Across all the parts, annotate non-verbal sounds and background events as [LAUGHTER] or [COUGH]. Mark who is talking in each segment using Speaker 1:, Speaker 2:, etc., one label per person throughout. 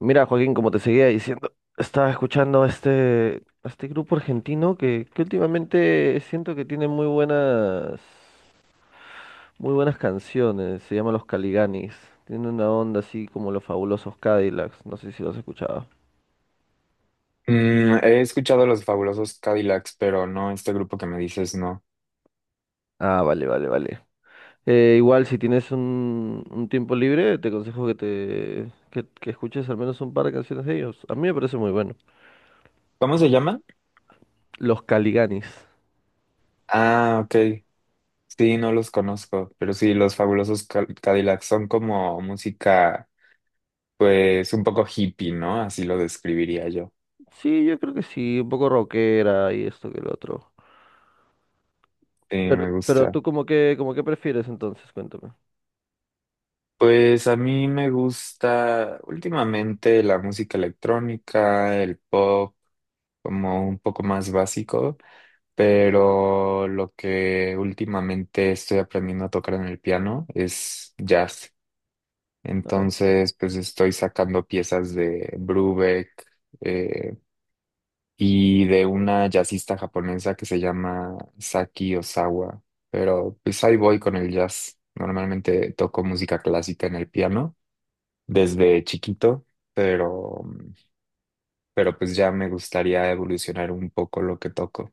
Speaker 1: Mira, Joaquín, como te seguía diciendo, estaba escuchando a este grupo argentino que últimamente siento que tiene muy buenas canciones. Se llama Los Caliganis. Tiene una onda así como los Fabulosos Cadillacs. No sé si los has escuchado.
Speaker 2: He escuchado los fabulosos Cadillacs, pero no, este grupo que me dices no.
Speaker 1: Ah, vale, vale, vale. Igual, si tienes un tiempo libre, te aconsejo que que escuches al menos un par de canciones de ellos. A mí me parece muy bueno.
Speaker 2: ¿Cómo se llama?
Speaker 1: Los Caliganis.
Speaker 2: Ah, ok. Sí, no los conozco, pero sí, los fabulosos Cadillacs son como música, pues un poco hippie, ¿no? Así lo describiría yo.
Speaker 1: Sí, yo creo que sí, un poco rockera y esto que el otro.
Speaker 2: Sí, me
Speaker 1: Pero
Speaker 2: gusta.
Speaker 1: tú como que prefieres entonces, cuéntame.
Speaker 2: Pues a mí me gusta últimamente la música electrónica, el pop, como un poco más básico. Pero lo que últimamente estoy aprendiendo a tocar en el piano es jazz. Entonces, pues estoy sacando piezas de Brubeck eh, y de una jazzista japonesa que se llama Saki Osawa, pero pues ahí voy con el jazz. Normalmente toco música clásica en el piano desde chiquito, pero, pero pues ya me gustaría evolucionar un poco lo que toco.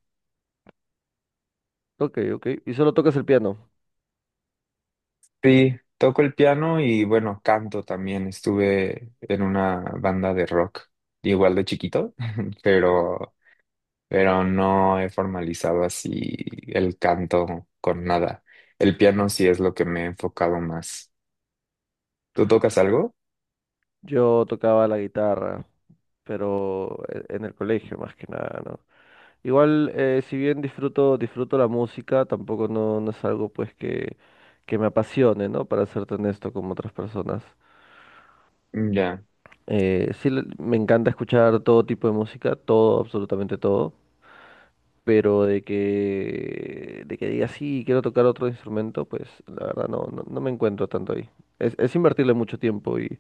Speaker 1: Ok, ok. ¿Y solo tocas el piano?
Speaker 2: Sí, toco el piano y bueno, canto también. Estuve en una banda de rock, igual de chiquito, [LAUGHS] pero, pero no he formalizado así el canto con nada. El piano sí es lo que me he enfocado más. ¿Tú tocas algo?
Speaker 1: Yo tocaba la guitarra, pero en el colegio más que nada, ¿no? Igual, si bien disfruto la música, tampoco no es algo pues que me apasione, ¿no? Para serte honesto como otras personas.
Speaker 2: Ya,
Speaker 1: Sí, me encanta escuchar todo tipo de música, todo, absolutamente todo. Pero de que diga, sí, quiero tocar otro instrumento, pues la verdad no, no me encuentro tanto ahí. Es invertirle mucho tiempo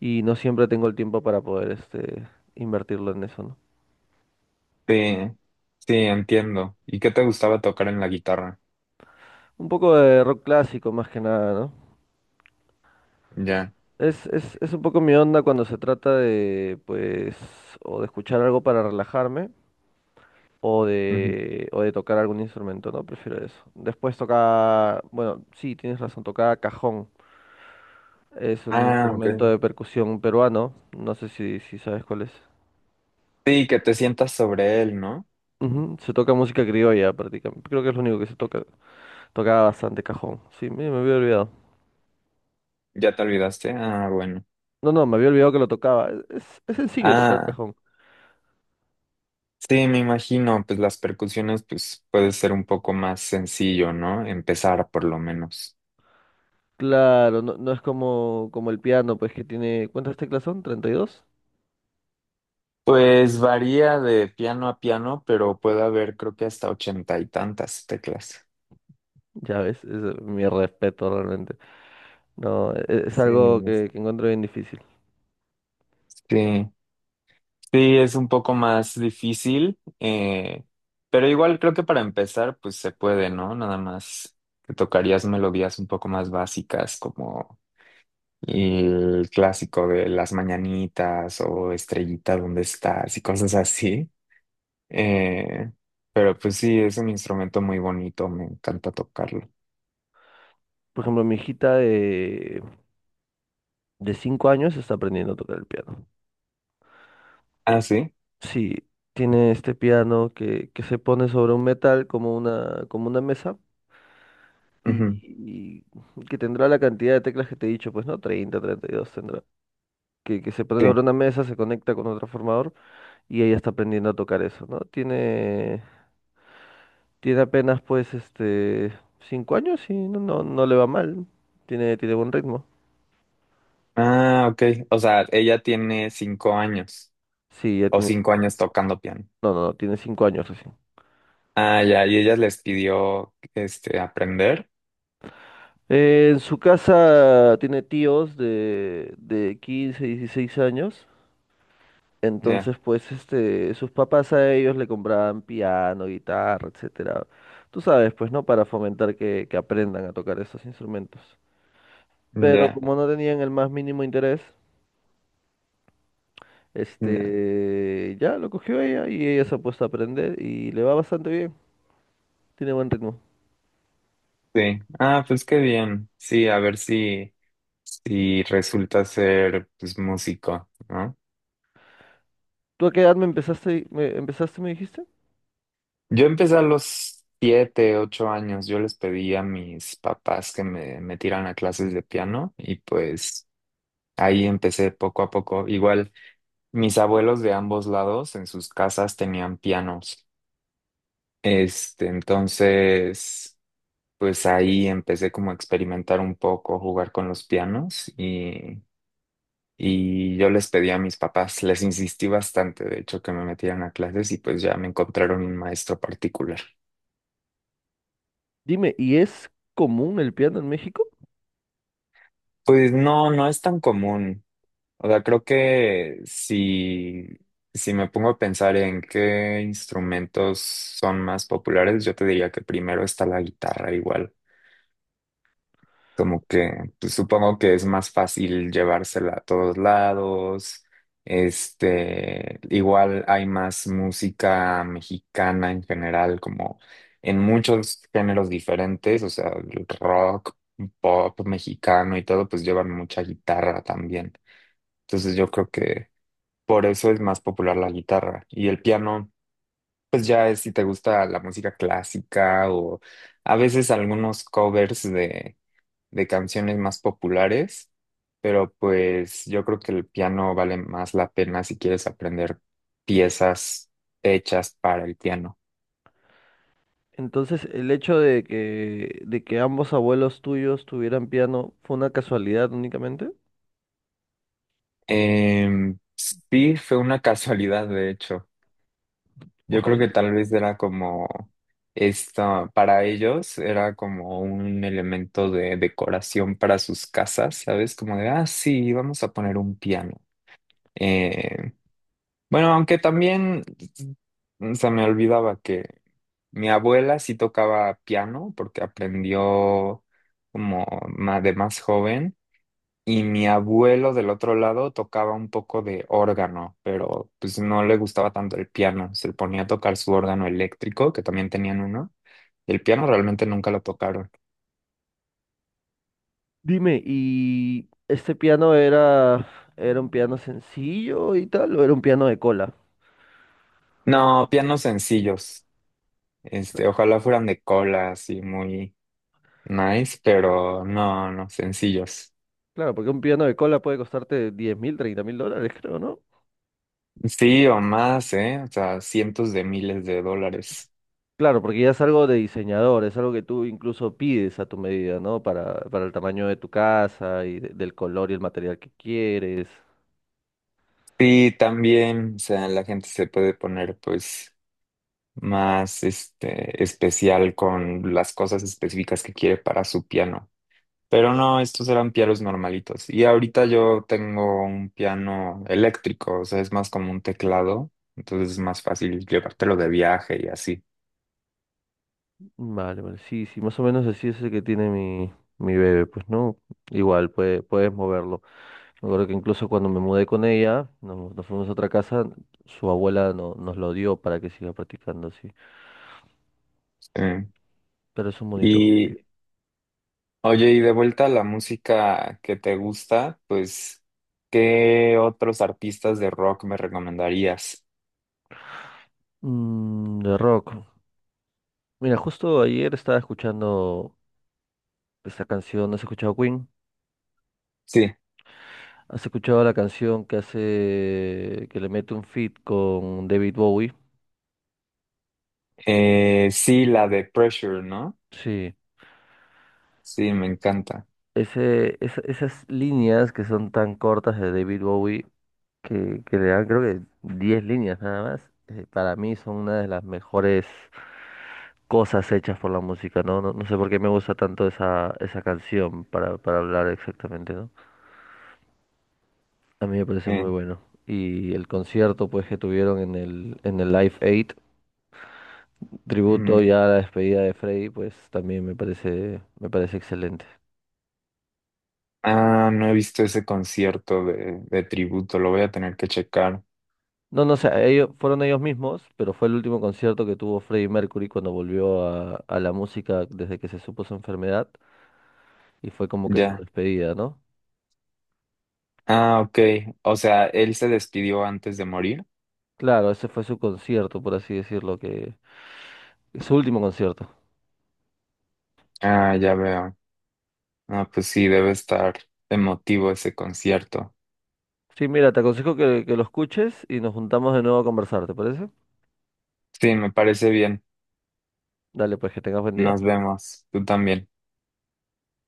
Speaker 1: y no siempre tengo el tiempo para poder invertirlo en eso, ¿no?
Speaker 2: sí, sí, entiendo. ¿Y qué te gustaba tocar en la guitarra?
Speaker 1: Un poco de rock clásico más que nada, ¿no?
Speaker 2: Ya.
Speaker 1: Es un poco mi onda cuando se trata de, pues, o de escuchar algo para relajarme
Speaker 2: Ujú.
Speaker 1: o de tocar algún instrumento, ¿no? Prefiero eso. Después toca, bueno, sí, tienes razón, toca cajón. Es un
Speaker 2: Ah, ok.
Speaker 1: instrumento de percusión peruano. No sé si sabes cuál es.
Speaker 2: Sí, que te sientas sobre él, ¿no?
Speaker 1: Ujú, se toca música criolla prácticamente. Creo que es lo único que se toca. Tocaba bastante cajón. Sí, me había olvidado.
Speaker 2: ¿Ya te olvidaste? Ah, bueno.
Speaker 1: No, no, me había olvidado que lo tocaba. Es sencillo tocar
Speaker 2: Ah.
Speaker 1: cajón.
Speaker 2: Sí, me imagino, pues las percusiones, pues puede ser un poco más sencillo, ¿no? Empezar por lo menos.
Speaker 1: Claro, no, no es como el piano, pues que tiene… ¿Cuántas teclas son? 32.
Speaker 2: Pues varía de piano a piano, pero puede haber creo que hasta ochenta y tantas teclas.
Speaker 1: Ya ves, es mi respeto realmente. No, es
Speaker 2: Sí,
Speaker 1: algo que encuentro bien difícil.
Speaker 2: sí, sí, es un poco más difícil, pero igual creo que para empezar, pues se puede, ¿no? Nada más te tocarías melodías un poco más básicas como el clásico de las mañanitas o estrellita, ¿dónde estás? Y cosas así. Eh, pero pues sí, es un instrumento muy bonito, me encanta tocarlo.
Speaker 1: Por ejemplo, mi hijita de 5 años está aprendiendo a tocar el piano.
Speaker 2: Ah, sí.
Speaker 1: Sí, tiene este piano que se pone sobre un metal como como una mesa
Speaker 2: Ujú,
Speaker 1: y que tendrá la cantidad de teclas que te he dicho, pues no, 32 tendrá. Que se pone
Speaker 2: sí.
Speaker 1: sobre una mesa, se conecta con otro formador y ella está aprendiendo a tocar eso, ¿no? Tiene, tiene apenas pues este 5 años y no, no, no le va mal, tiene, tiene buen ritmo.
Speaker 2: Ah, ok. O sea, ella tiene 5 años
Speaker 1: Sí, ya
Speaker 2: o
Speaker 1: tiene
Speaker 2: cinco
Speaker 1: 5 años.
Speaker 2: años tocando piano.
Speaker 1: No, no, no, tiene 5 años recién.
Speaker 2: Ah, ya, y ella les pidió este aprender.
Speaker 1: En su casa tiene tíos de 15, 16 años.
Speaker 2: Ya,
Speaker 1: Entonces, pues, este, sus papás a ellos le compraban piano, guitarra, etcétera. Tú sabes, pues, ¿no? Para fomentar que aprendan a tocar esos instrumentos. Pero
Speaker 2: ya,
Speaker 1: como no tenían el más mínimo interés,
Speaker 2: ya.
Speaker 1: este, ya lo cogió ella y ella se ha puesto a aprender y le va bastante bien. Tiene buen ritmo.
Speaker 2: Sí. Ah, pues qué bien. Sí, a ver si, si resulta ser pues músico, ¿no?
Speaker 1: ¿Tú a qué edad me dijiste?
Speaker 2: Yo empecé a los 7, 8 años. Yo les pedí a mis papás que me metieran a clases de piano y pues ahí empecé poco a poco. Igual mis abuelos de ambos lados en sus casas tenían pianos. Este, entonces, pues ahí empecé como a experimentar un poco, jugar con los pianos y yo les pedí a mis papás, les insistí bastante, de hecho, que me metieran a clases y pues ya me encontraron un maestro particular.
Speaker 1: Dime, ¿y es común el piano en México?
Speaker 2: Pues no, no es tan común. O sea, creo que si me pongo a pensar en qué instrumentos son más populares, yo te diría que primero está la guitarra igual. Como que pues, supongo que es más fácil llevársela a todos lados. Este, igual hay más música mexicana en general, como en muchos géneros diferentes, o sea, el rock, pop mexicano y todo, pues llevan mucha guitarra también. Entonces yo creo que por eso es más popular la guitarra. Y el piano, pues ya es si te gusta la música clásica o a veces algunos covers de canciones más populares, pero pues yo creo que el piano vale más la pena si quieres aprender piezas hechas para el piano.
Speaker 1: Entonces, el hecho de de que ambos abuelos tuyos tuvieran piano fue una casualidad únicamente.
Speaker 2: Sí, fue una [LAUGHS] casualidad, de hecho. Yo
Speaker 1: Wow.
Speaker 2: creo que tal vez era como esta, para ellos era como un elemento de decoración para sus casas, ¿sabes? Como de, ah, sí, vamos a poner un piano. Eh, bueno, aunque también se me olvidaba que mi abuela sí tocaba piano porque aprendió como de más joven. Y mi abuelo del otro lado tocaba un poco de órgano, pero pues no le gustaba tanto el piano. Se ponía a tocar su órgano eléctrico, que también tenían uno. El piano realmente nunca lo tocaron.
Speaker 1: Dime, ¿y este piano era un piano sencillo y tal, o era un piano de cola?
Speaker 2: No, pianos sencillos. Este, ojalá fueran de cola, así muy nice, pero no, no, sencillos.
Speaker 1: Claro, porque un piano de cola puede costarte 10.000, 30.000 dólares, [LAUGHS] creo, ¿no?
Speaker 2: Sí, o más, ¿eh? O sea, cientos de miles de dólares.
Speaker 1: Claro, porque ya es algo de diseñador, es algo que tú incluso pides a tu medida, ¿no? Para el tamaño de tu casa y del color y el material que quieres.
Speaker 2: Sí, también, o sea, la gente se puede poner, pues. Más este, especial con las cosas específicas que quiere para su piano. Pero no, estos eran pianos normalitos. Y ahorita yo tengo un piano eléctrico, o sea, es más como un teclado, entonces es más fácil llevártelo de viaje y así.
Speaker 1: Vale, vale, sí, sí, más o menos así es el que tiene mi bebé, pues, ¿no? Igual, puedes moverlo. Me acuerdo que incluso cuando me mudé con ella, nos fuimos a otra casa, su abuela nos lo dio para que siga practicando así.
Speaker 2: Eh,
Speaker 1: Pero es un bonito hobby.
Speaker 2: Y oye, y de vuelta a la música que te gusta, pues, ¿qué otros artistas de rock me recomendarías?
Speaker 1: Mm, de rock. Mira, justo ayer estaba escuchando esta canción. ¿Has escuchado Queen?
Speaker 2: Sí,
Speaker 1: ¿Has escuchado la canción que hace, que le mete un feat con David Bowie?
Speaker 2: sí, la de Pressure, ¿no?
Speaker 1: Sí.
Speaker 2: Sí, me encanta.
Speaker 1: Ese, esas líneas que son tan cortas de David Bowie, que le dan creo que 10 líneas nada más, para mí son una de las mejores cosas hechas por la música, ¿no? No, no sé por qué me gusta tanto esa canción para hablar exactamente, ¿no? A mí me parece
Speaker 2: Eh,
Speaker 1: muy bueno. Y el concierto, pues, que tuvieron en en el Live Aid, tributo
Speaker 2: mm.
Speaker 1: ya a la despedida de Freddy, pues también me parece excelente.
Speaker 2: Ah, no he visto ese concierto de, tributo, lo voy a tener que checar.
Speaker 1: No, no sé, ellos, fueron ellos mismos, pero fue el último concierto que tuvo Freddie Mercury cuando volvió a la música desde que se supo su enfermedad y fue como que su
Speaker 2: Ya.
Speaker 1: despedida, ¿no?
Speaker 2: Ah, ok. O sea, él se despidió antes de morir.
Speaker 1: Claro, ese fue su concierto, por así decirlo, que su último concierto.
Speaker 2: Ah, ya veo. Ah, pues sí, debe estar emotivo ese concierto.
Speaker 1: Sí, mira, te aconsejo que lo escuches y nos juntamos de nuevo a conversar, ¿te parece?
Speaker 2: Sí, me parece bien.
Speaker 1: Dale, pues que tengas buen día.
Speaker 2: Nos vemos. Tú también.